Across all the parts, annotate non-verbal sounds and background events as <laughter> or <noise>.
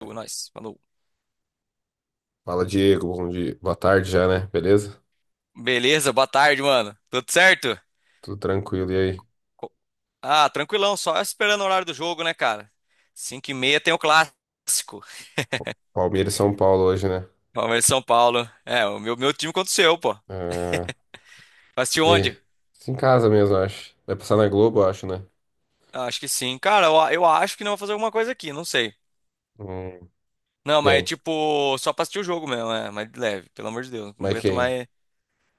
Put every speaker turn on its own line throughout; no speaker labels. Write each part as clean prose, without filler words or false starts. Nós, falou.
Fala, Diego. Bom dia. Boa tarde já, né? Beleza?
Beleza, boa tarde, mano. Tudo certo?
Tudo tranquilo. E aí?
Co- Ah, tranquilão, só esperando o horário do jogo, né, cara? 5:30 tem o clássico.
Palmeiras e São Paulo hoje, né?
Palmeiras e São Paulo. É, o meu time contra o seu, pô.
Ah,
Vai assistir
e
onde?
em casa mesmo, eu acho. Vai passar na Globo, eu acho, né?
Ah, acho que sim. Cara, eu acho que não vou fazer alguma coisa aqui, não sei.
Hum,
Não, mas
Quem?
tipo, só pra assistir o jogo mesmo, é, mas de leve, pelo amor de Deus. Não
Mas
aguento
quem?
mais.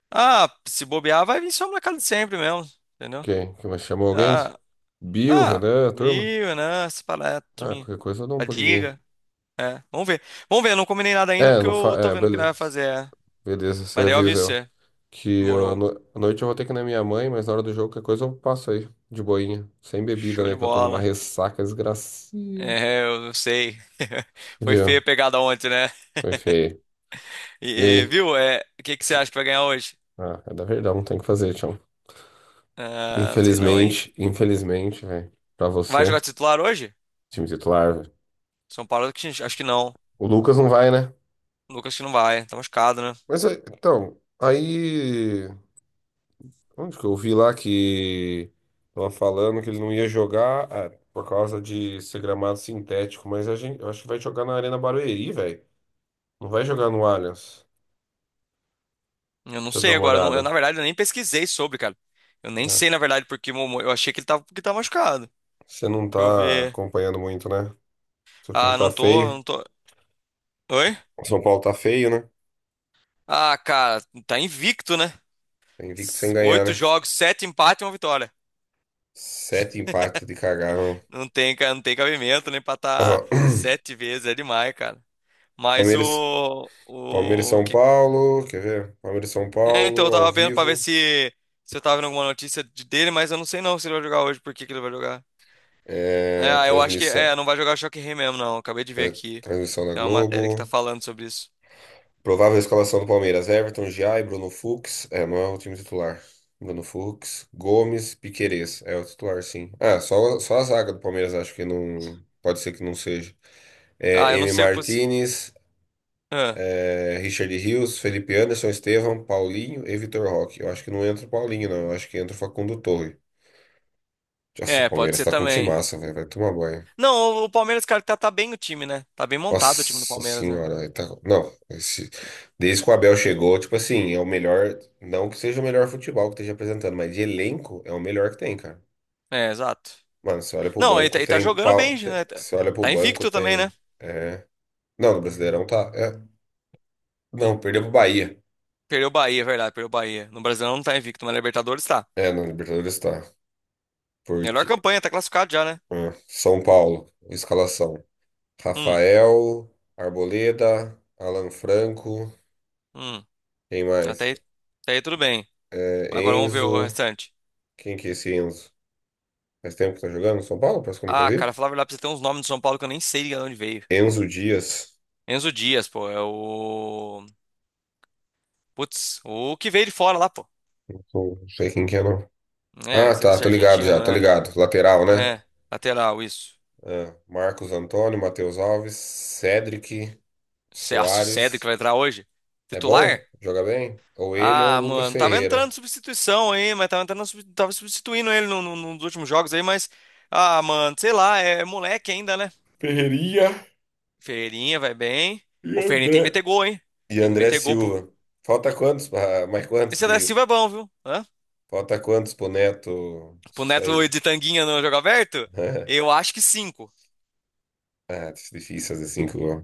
Ah, se bobear, vai vir só na casa de sempre mesmo, entendeu?
Quem? Quem mais chamou alguém?
Ah,
Bill,
ah,
Renan, a turma?
Viu, né? Essa palestra,
Ah,
minha.
qualquer coisa eu dou um
A
pulinho aí.
liga. É, vamos ver. Vamos ver, eu não combinei nada ainda
É,
porque
não fa...
eu tô
é,
vendo o que nós vai
beleza.
fazer. É.
Beleza, você
Mas daí eu
avisa
aviso
eu.
você.
Que eu, à
Demorou.
no- à noite eu vou ter que ir na minha mãe, mas na hora do jogo, qualquer coisa eu passo aí, de boinha. Sem bebida,
Show
né?
de
Que eu tô numa
bola.
ressaca desgracia.
É, eu não sei. <laughs> Foi feia
Viu?
a pegada ontem, né?
Foi feio. E
E,
aí?
Viu? É, o que que você acha que vai ganhar hoje?
Ah, é da Verdão, tem que fazer, Tião.
Ah, não sei não, hein?
Infelizmente, infelizmente, velho, pra
Vai jogar
você,
titular hoje?
time titular, velho.
São Paulo, acho que não.
O Lucas não vai, né?
Lucas que não vai. Tá machucado, né?
Mas, é, então, aí, onde que eu vi lá que tava falando que ele não ia jogar, por causa de ser gramado sintético, mas a gente, eu acho que vai jogar na Arena Barueri, velho. Não vai jogar no Allianz.
Eu não
Deixa eu dar
sei
uma
agora. Eu não- eu, Na
olhada.
verdade, eu nem pesquisei sobre, cara. Eu nem
É.
sei, na verdade, porque eu achei que tava machucado.
Você não
Deixa eu
tá
ver.
acompanhando muito, né? Seu time
Ah,
tá
não tô,
feio.
não tô. Oi?
O São Paulo tá feio, né?
Ah, cara, tá invicto, né?
Tá invicto sem ganhar,
Oito
né?
jogos, sete empates e uma vitória.
Sete empates de cagaram.
Não tem, não tem cabimento, nem pra estar
<coughs>
sete vezes é demais, cara.
<clears throat>
Mas
Palmeiras,
o,
Palmeiras e
o
São
que,
Paulo, quer ver? Palmeiras e São
é, então eu
Paulo, ao
tava vendo pra ver
vivo.
se, se eu tava vendo alguma notícia dele, mas eu não sei não se ele vai jogar hoje, por que que ele vai jogar. É,
É,
ah, eu acho que, é,
transmissão.
não vai jogar Choque Rei mesmo, não. Acabei de ver
Tra-
aqui.
transmissão da
É uma matéria que tá
Globo.
falando sobre isso.
Provável escalação do Palmeiras. Everton, Giai, Bruno Fux. É, não é o time titular. Bruno Fux, Gomes, Piquerez. É o titular, sim. Ah, só a zaga do Palmeiras acho que não. Pode ser que não seja.
Ah,
É,
eu não
M.
sei.
Martinez.
Ah,
É, Richard Rios, Felipe Anderson, Estevão, Paulinho e Vitor Roque. Eu acho que não entra o Paulinho, não. Eu acho que entra o Facundo Torre. Nossa, o
é, pode
Palmeiras
ser
tá com
também.
timaça, velho. Vai tomar banho.
Não, o Palmeiras, cara, tá bem o time, né? Tá bem montado o time do
Nossa
Palmeiras, né?
senhora, aí tá. Não, esse. Desde que o Abel chegou, tipo assim, é o melhor. Não que seja o melhor futebol que esteja apresentando, mas de elenco é o melhor que tem, cara.
É, exato.
Mano, você olha pro
Não, ele tá,
banco,
ele tá
tem.
jogando bem, né? Tá
Você olha pro
tá
banco,
invicto também, né?
tem. É. Não, no Brasileirão tá. É, não, perdeu pro Bahia.
Perdeu o Bahia, é verdade, perdeu o Bahia. No Brasileirão não tá invicto, mas na Libertadores tá.
É, no Libertadores tá.
Melhor
Porque.
campanha, tá classificado já, né?
Ah, São Paulo, escalação.
Hum,
Rafael, Arboleda, Alan Franco,
hum.
quem
Até
mais?
aí, até aí tudo bem.
É,
Agora vamos ver o
Enzo,
restante.
quem que é esse Enzo? Faz tempo que tá jogando no São Paulo? Parece que eu nunca
Ah, cara,
vi.
falar a verdade pra você, tem uns nomes do São Paulo que eu nem sei de onde veio.
Enzo Dias,
Enzo Dias, pô, é o. Putz, o que veio de fora lá, pô.
não sei quem que é não.
É,
Ah,
sei lá
tá,
se é
tô ligado já,
argentino,
tô
né?
ligado. Lateral, né?
É, lateral, isso.
Ah, Marcos Antônio, Matheus Alves, Cedric,
Nossa, o Cedric
Soares.
vai entrar hoje?
É
Titular?
bom? Joga bem? Ou ele ou
Ah,
o Lucas
mano, tava
Ferreira.
entrando substituição aí, mas tava entrando, tava substituindo ele nos últimos jogos aí, mas. Ah, mano, sei lá, é moleque ainda, né?
Ferreirinha
Ferreirinha vai bem.
e
O Ferreirinha tem que meter
André.
gol, hein?
E
Tem que
André
meter gol, pô.
Silva. Falta quantos? Mais quantos
Esse da
que.
Silva é bom, viu? Hã?
Falta quantos pro Neto
Pro Neto
sair?
de Tanguinha no jogo aberto?
<laughs>
Eu acho que cinco.
Ah, tá difícil fazer cinco gols.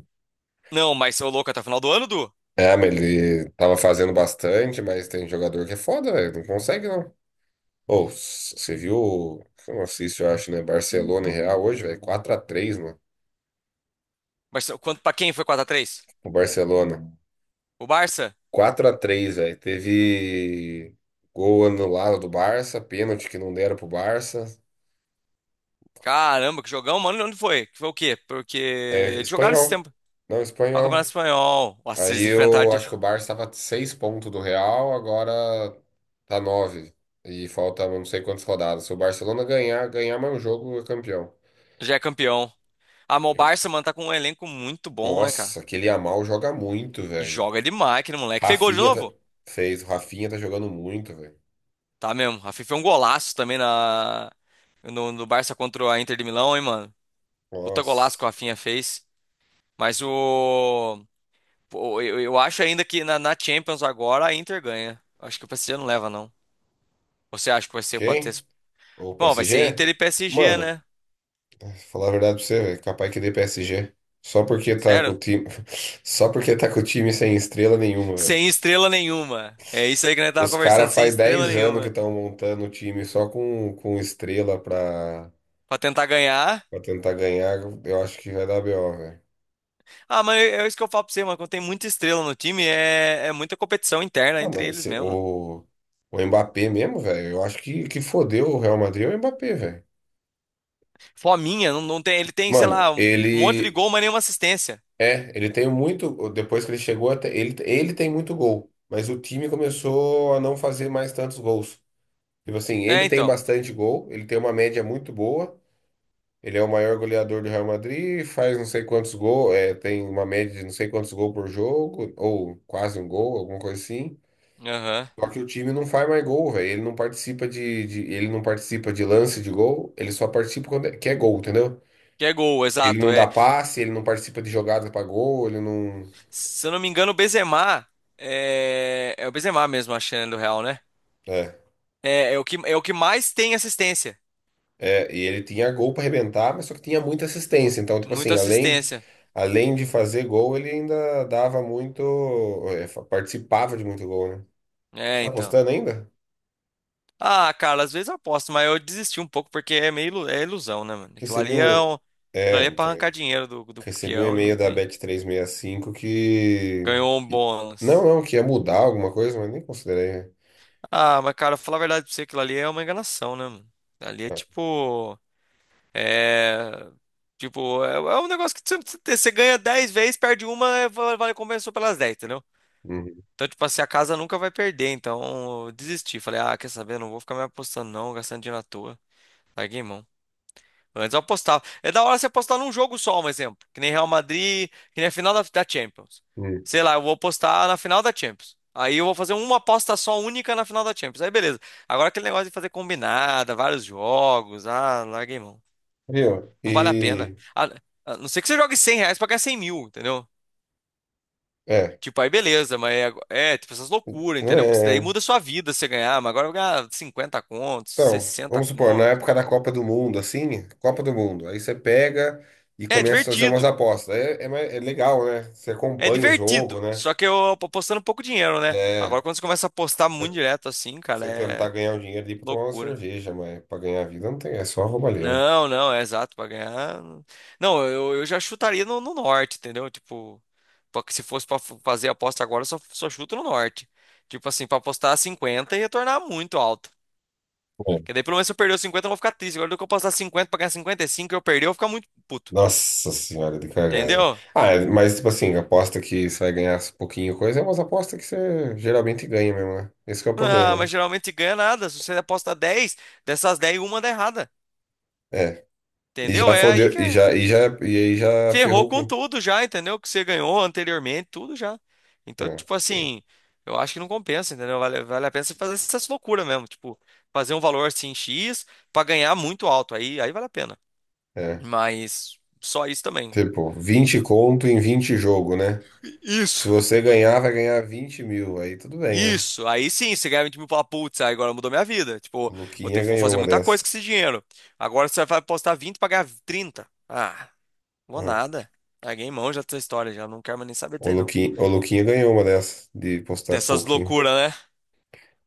Não, mas ô louco, até o final do ano, Du?
É, mas ele tava fazendo bastante, mas tem jogador que é foda, velho. Não consegue, não. Ou, você viu. Não assisto, eu acho, né? Barcelona e Real hoje, velho. 4-3, mano.
Mas quanto pra quem foi 4-3?
O Barcelona.
O Barça?
4-3, velho. Teve gol anulado do Barça, pênalti que não deram pro Barça.
Caramba, que jogão, mano. Onde foi? Que foi o quê? Porque
É,
eles jogaram esse
espanhol.
tempo.
Não,
Ó, o Campeonato
espanhol.
Espanhol. Nossa,
Aí
eles enfrentaram.
eu acho que o Barça estava 6 pontos do Real, agora tá nove. E falta não sei quantas rodadas. Se o Barcelona ganhar, mais um jogo, é campeão.
Já é campeão. Ah, mas o
Eu-
Barça, mano, tá com um elenco muito bom, né, cara?
Nossa, aquele Yamal joga muito, velho.
Joga demais aquele moleque. Fez gol de
Rafinha tá.
novo?
Fez, o Rafinha tá jogando muito, velho.
Tá mesmo. A FIFA é um golaço também no Barça contra a Inter de Milão, hein, mano? Puta golaço que o
Nossa.
Rafinha fez. Mas pô, eu acho ainda que na Champions agora a Inter ganha. Acho que o PSG não leva, não. Você acha que vai ser. Pode ter.
Quem? O
Bom, vai ser
PSG?
Inter e PSG,
Mano,
né?
falar a verdade pra você, velho, capaz que dê PSG. Só porque tá com o
Sério?
time, <laughs> só porque tá com o time sem estrela nenhuma, velho.
Sem estrela nenhuma. É isso aí que nós tava
Os
conversando,
caras
sem
faz
estrela
10 anos que
nenhuma.
estão montando o time só com estrela pra,
Pra tentar ganhar.
pra tentar ganhar. Eu acho que vai dar BO, velho.
Ah, mas é isso que eu falo pra você, mano. Quando tem muita estrela no time, é muita competição interna
Mano,
entre eles mesmo.
o Mbappé mesmo, velho. Eu acho que fodeu o Real Madrid é o Mbappé, velho.
Fominha, não, não tem, ele tem, sei
Mano,
lá, um monte de
ele.
gol, mas nenhuma assistência.
É, ele tem muito. Depois que ele chegou, até, ele tem muito gol. Mas o time começou a não fazer mais tantos gols. Tipo assim, ele
É,
tem
então.
bastante gol, ele tem uma média muito boa. Ele é o maior goleador do Real Madrid, faz não sei quantos gols, é, tem uma média de não sei quantos gols por jogo, ou quase um gol, alguma coisa assim.
Aham.
Só que o time não faz mais gol, velho. Ele não participa ele não participa de lance de gol, ele só participa quando é, que é gol, entendeu?
Que é gol,
Ele
exato.
não dá
É.
passe, ele não participa de jogada pra gol, ele não.
Se eu não me engano, é o Benzema mesmo, a chance do Real, né?
É,
É é o que mais tem assistência.
e ele tinha gol pra arrebentar, mas só que tinha muita assistência. Então, tipo
Muita
assim, além,
assistência.
além de fazer gol, ele ainda dava muito. É, participava de muito gol, né? Você
É,
tá
então.
apostando ainda?
Ah, cara, às vezes eu aposto, mas eu desisti um pouco porque é meio é ilusão, né, mano? Aquilo
Recebi
ali é,
um.
um, aquilo
É,
ali é
não
pra arrancar
tem.
dinheiro do
Recebi um
peão e não
e-mail da
tem.
Bet365 que.
Ganhou um
que- Não,
bônus.
não, que ia mudar alguma coisa, mas nem considerei, né?
Ah, mas cara, falar a verdade pra você, aquilo ali é uma enganação, né, mano? Ali é tipo. É. Tipo, é um negócio que você ganha 10 vezes, perde uma, vale compensou pelas 10 entendeu?
Uhum,
Então, tipo assim, a casa nunca vai perder. Então, eu desisti. Falei, ah, quer saber? Não vou ficar me apostando, não, gastando dinheiro à toa. Larguei mão. Antes eu apostava. É da hora você apostar num jogo só, um exemplo. Que nem Real Madrid, que nem a final da Champions.
uhum.
Sei lá, eu vou apostar na final da Champions. Aí eu vou fazer uma aposta só única na final da Champions. Aí beleza. Agora aquele negócio de fazer combinada, vários jogos. Ah, larguei mão.
Viu?
Não vale a pena.
E.
A não ser que você jogue R$ 100 pra ganhar 100 mil, entendeu?
É.
Tipo, aí beleza, mas tipo essas loucuras,
Não
entendeu? Porque isso
é.
daí
É.
muda a sua vida se você ganhar. Mas agora eu vou ganhar 50 contos,
Então,
60
vamos supor, na
contos.
época da Copa do Mundo, assim, Copa do Mundo, aí você pega e
É
começa a fazer umas
divertido.
apostas. É legal, né? Você
É
acompanha o jogo,
divertido,
né?
só que eu apostando pouco dinheiro, né? Agora
É.
quando você começa a apostar muito
Você
direto assim, cara,
você tentar
é
ganhar o dinheiro ali pra tomar uma
loucura.
cerveja, mas pra ganhar a vida não tem, é só roubalheira.
Não, não, é exato, pra ganhar. Não, eu já chutaria no norte, entendeu? Tipo, pra que se fosse pra fazer a aposta agora, eu só chuto no norte. Tipo assim, pra apostar 50 e retornar muito alto. Porque daí pelo menos se eu perder os 50, eu vou ficar triste. Agora do que eu apostar 50 pra ganhar 55, e eu perder, eu vou ficar muito puto.
Nossa senhora, de cagada.
Entendeu?
Ah, é, mas tipo assim, aposta que você vai ganhar pouquinho coisa, é umas apostas que você geralmente ganha mesmo, né? Esse que é o
Ah,
problema, né?
mas geralmente ganha nada. Se você aposta 10 dessas 10, uma dá errada.
É. E
Entendeu?
já
É aí
fodeu,
que é.
e aí já
Ferrou
ferrou
com
com.
tudo já, entendeu? Que você ganhou anteriormente, tudo já. Então,
É,
tipo assim, eu acho que não compensa, entendeu? Vale a pena você fazer essas loucuras mesmo, tipo, fazer um valor assim X pra ganhar muito alto, aí vale a pena.
é.
Mas só isso também.
Tipo, 20 conto em 20 jogo, né? Se
Isso.
você ganhar, vai ganhar 20 mil. Aí tudo bem, né?
Isso, aí sim, você ganha 20 mil e fala, putz, aí agora mudou minha vida.
O
Tipo, vou ter,
Luquinha
vou
ganhou
fazer
uma
muita coisa com
dessas.
esse dinheiro. Agora você vai apostar 20 pra ganhar 30. Ah, vou
É.
nada. Larguei mão já dessa história, já não quero mais nem saber
O
disso aí, não.
Luquinha, o Luquinha ganhou uma dessas de postar
Dessas
pouquinho.
loucuras.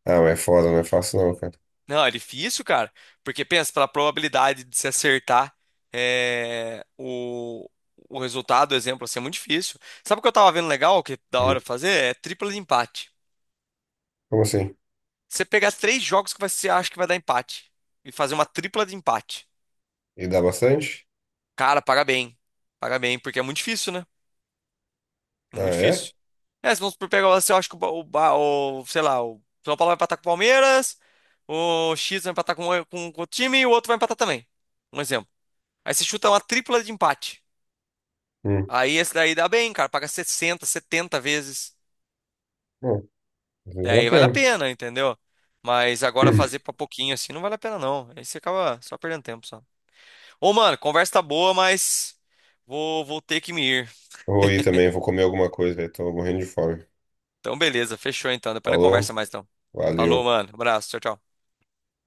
Ah, mas é foda, não é fácil não, cara.
Não, é difícil, cara. Porque pensa, pela probabilidade de se acertar é, o resultado, o exemplo, assim, é muito difícil. Sabe o que eu tava vendo legal, que é da hora
Hum.
fazer? É tripla de empate.
Como assim?
Você pegar três jogos que você acha que vai dar empate e fazer uma tripla de empate.
E dá bastante?
Cara, paga bem. Paga bem, porque é muito difícil, né?
Ah,
Muito
é?
difícil. É, se vamos por pegar, você acha que sei lá, o São Paulo vai empatar com o Palmeiras, o X vai empatar com o time e o outro vai empatar também. Um exemplo. Aí você chuta uma tripla de empate.
Hum.
Aí esse daí dá bem, cara. Paga 60, 70 vezes.
Bom, às vezes
É,
vale a
aí vale a
pena.
pena, entendeu? Mas agora fazer
<clears throat>
pra pouquinho assim não vale a pena, não. Aí você acaba só perdendo tempo só. Ô, mano, conversa tá boa, mas vou ter que me ir.
Vou ir também, vou comer alguma coisa, velho. Tô morrendo de fome.
Então, beleza. Fechou então. Depois a gente
Falou,
conversa mais então. Falou,
valeu.
mano. Abraço. Tchau, tchau.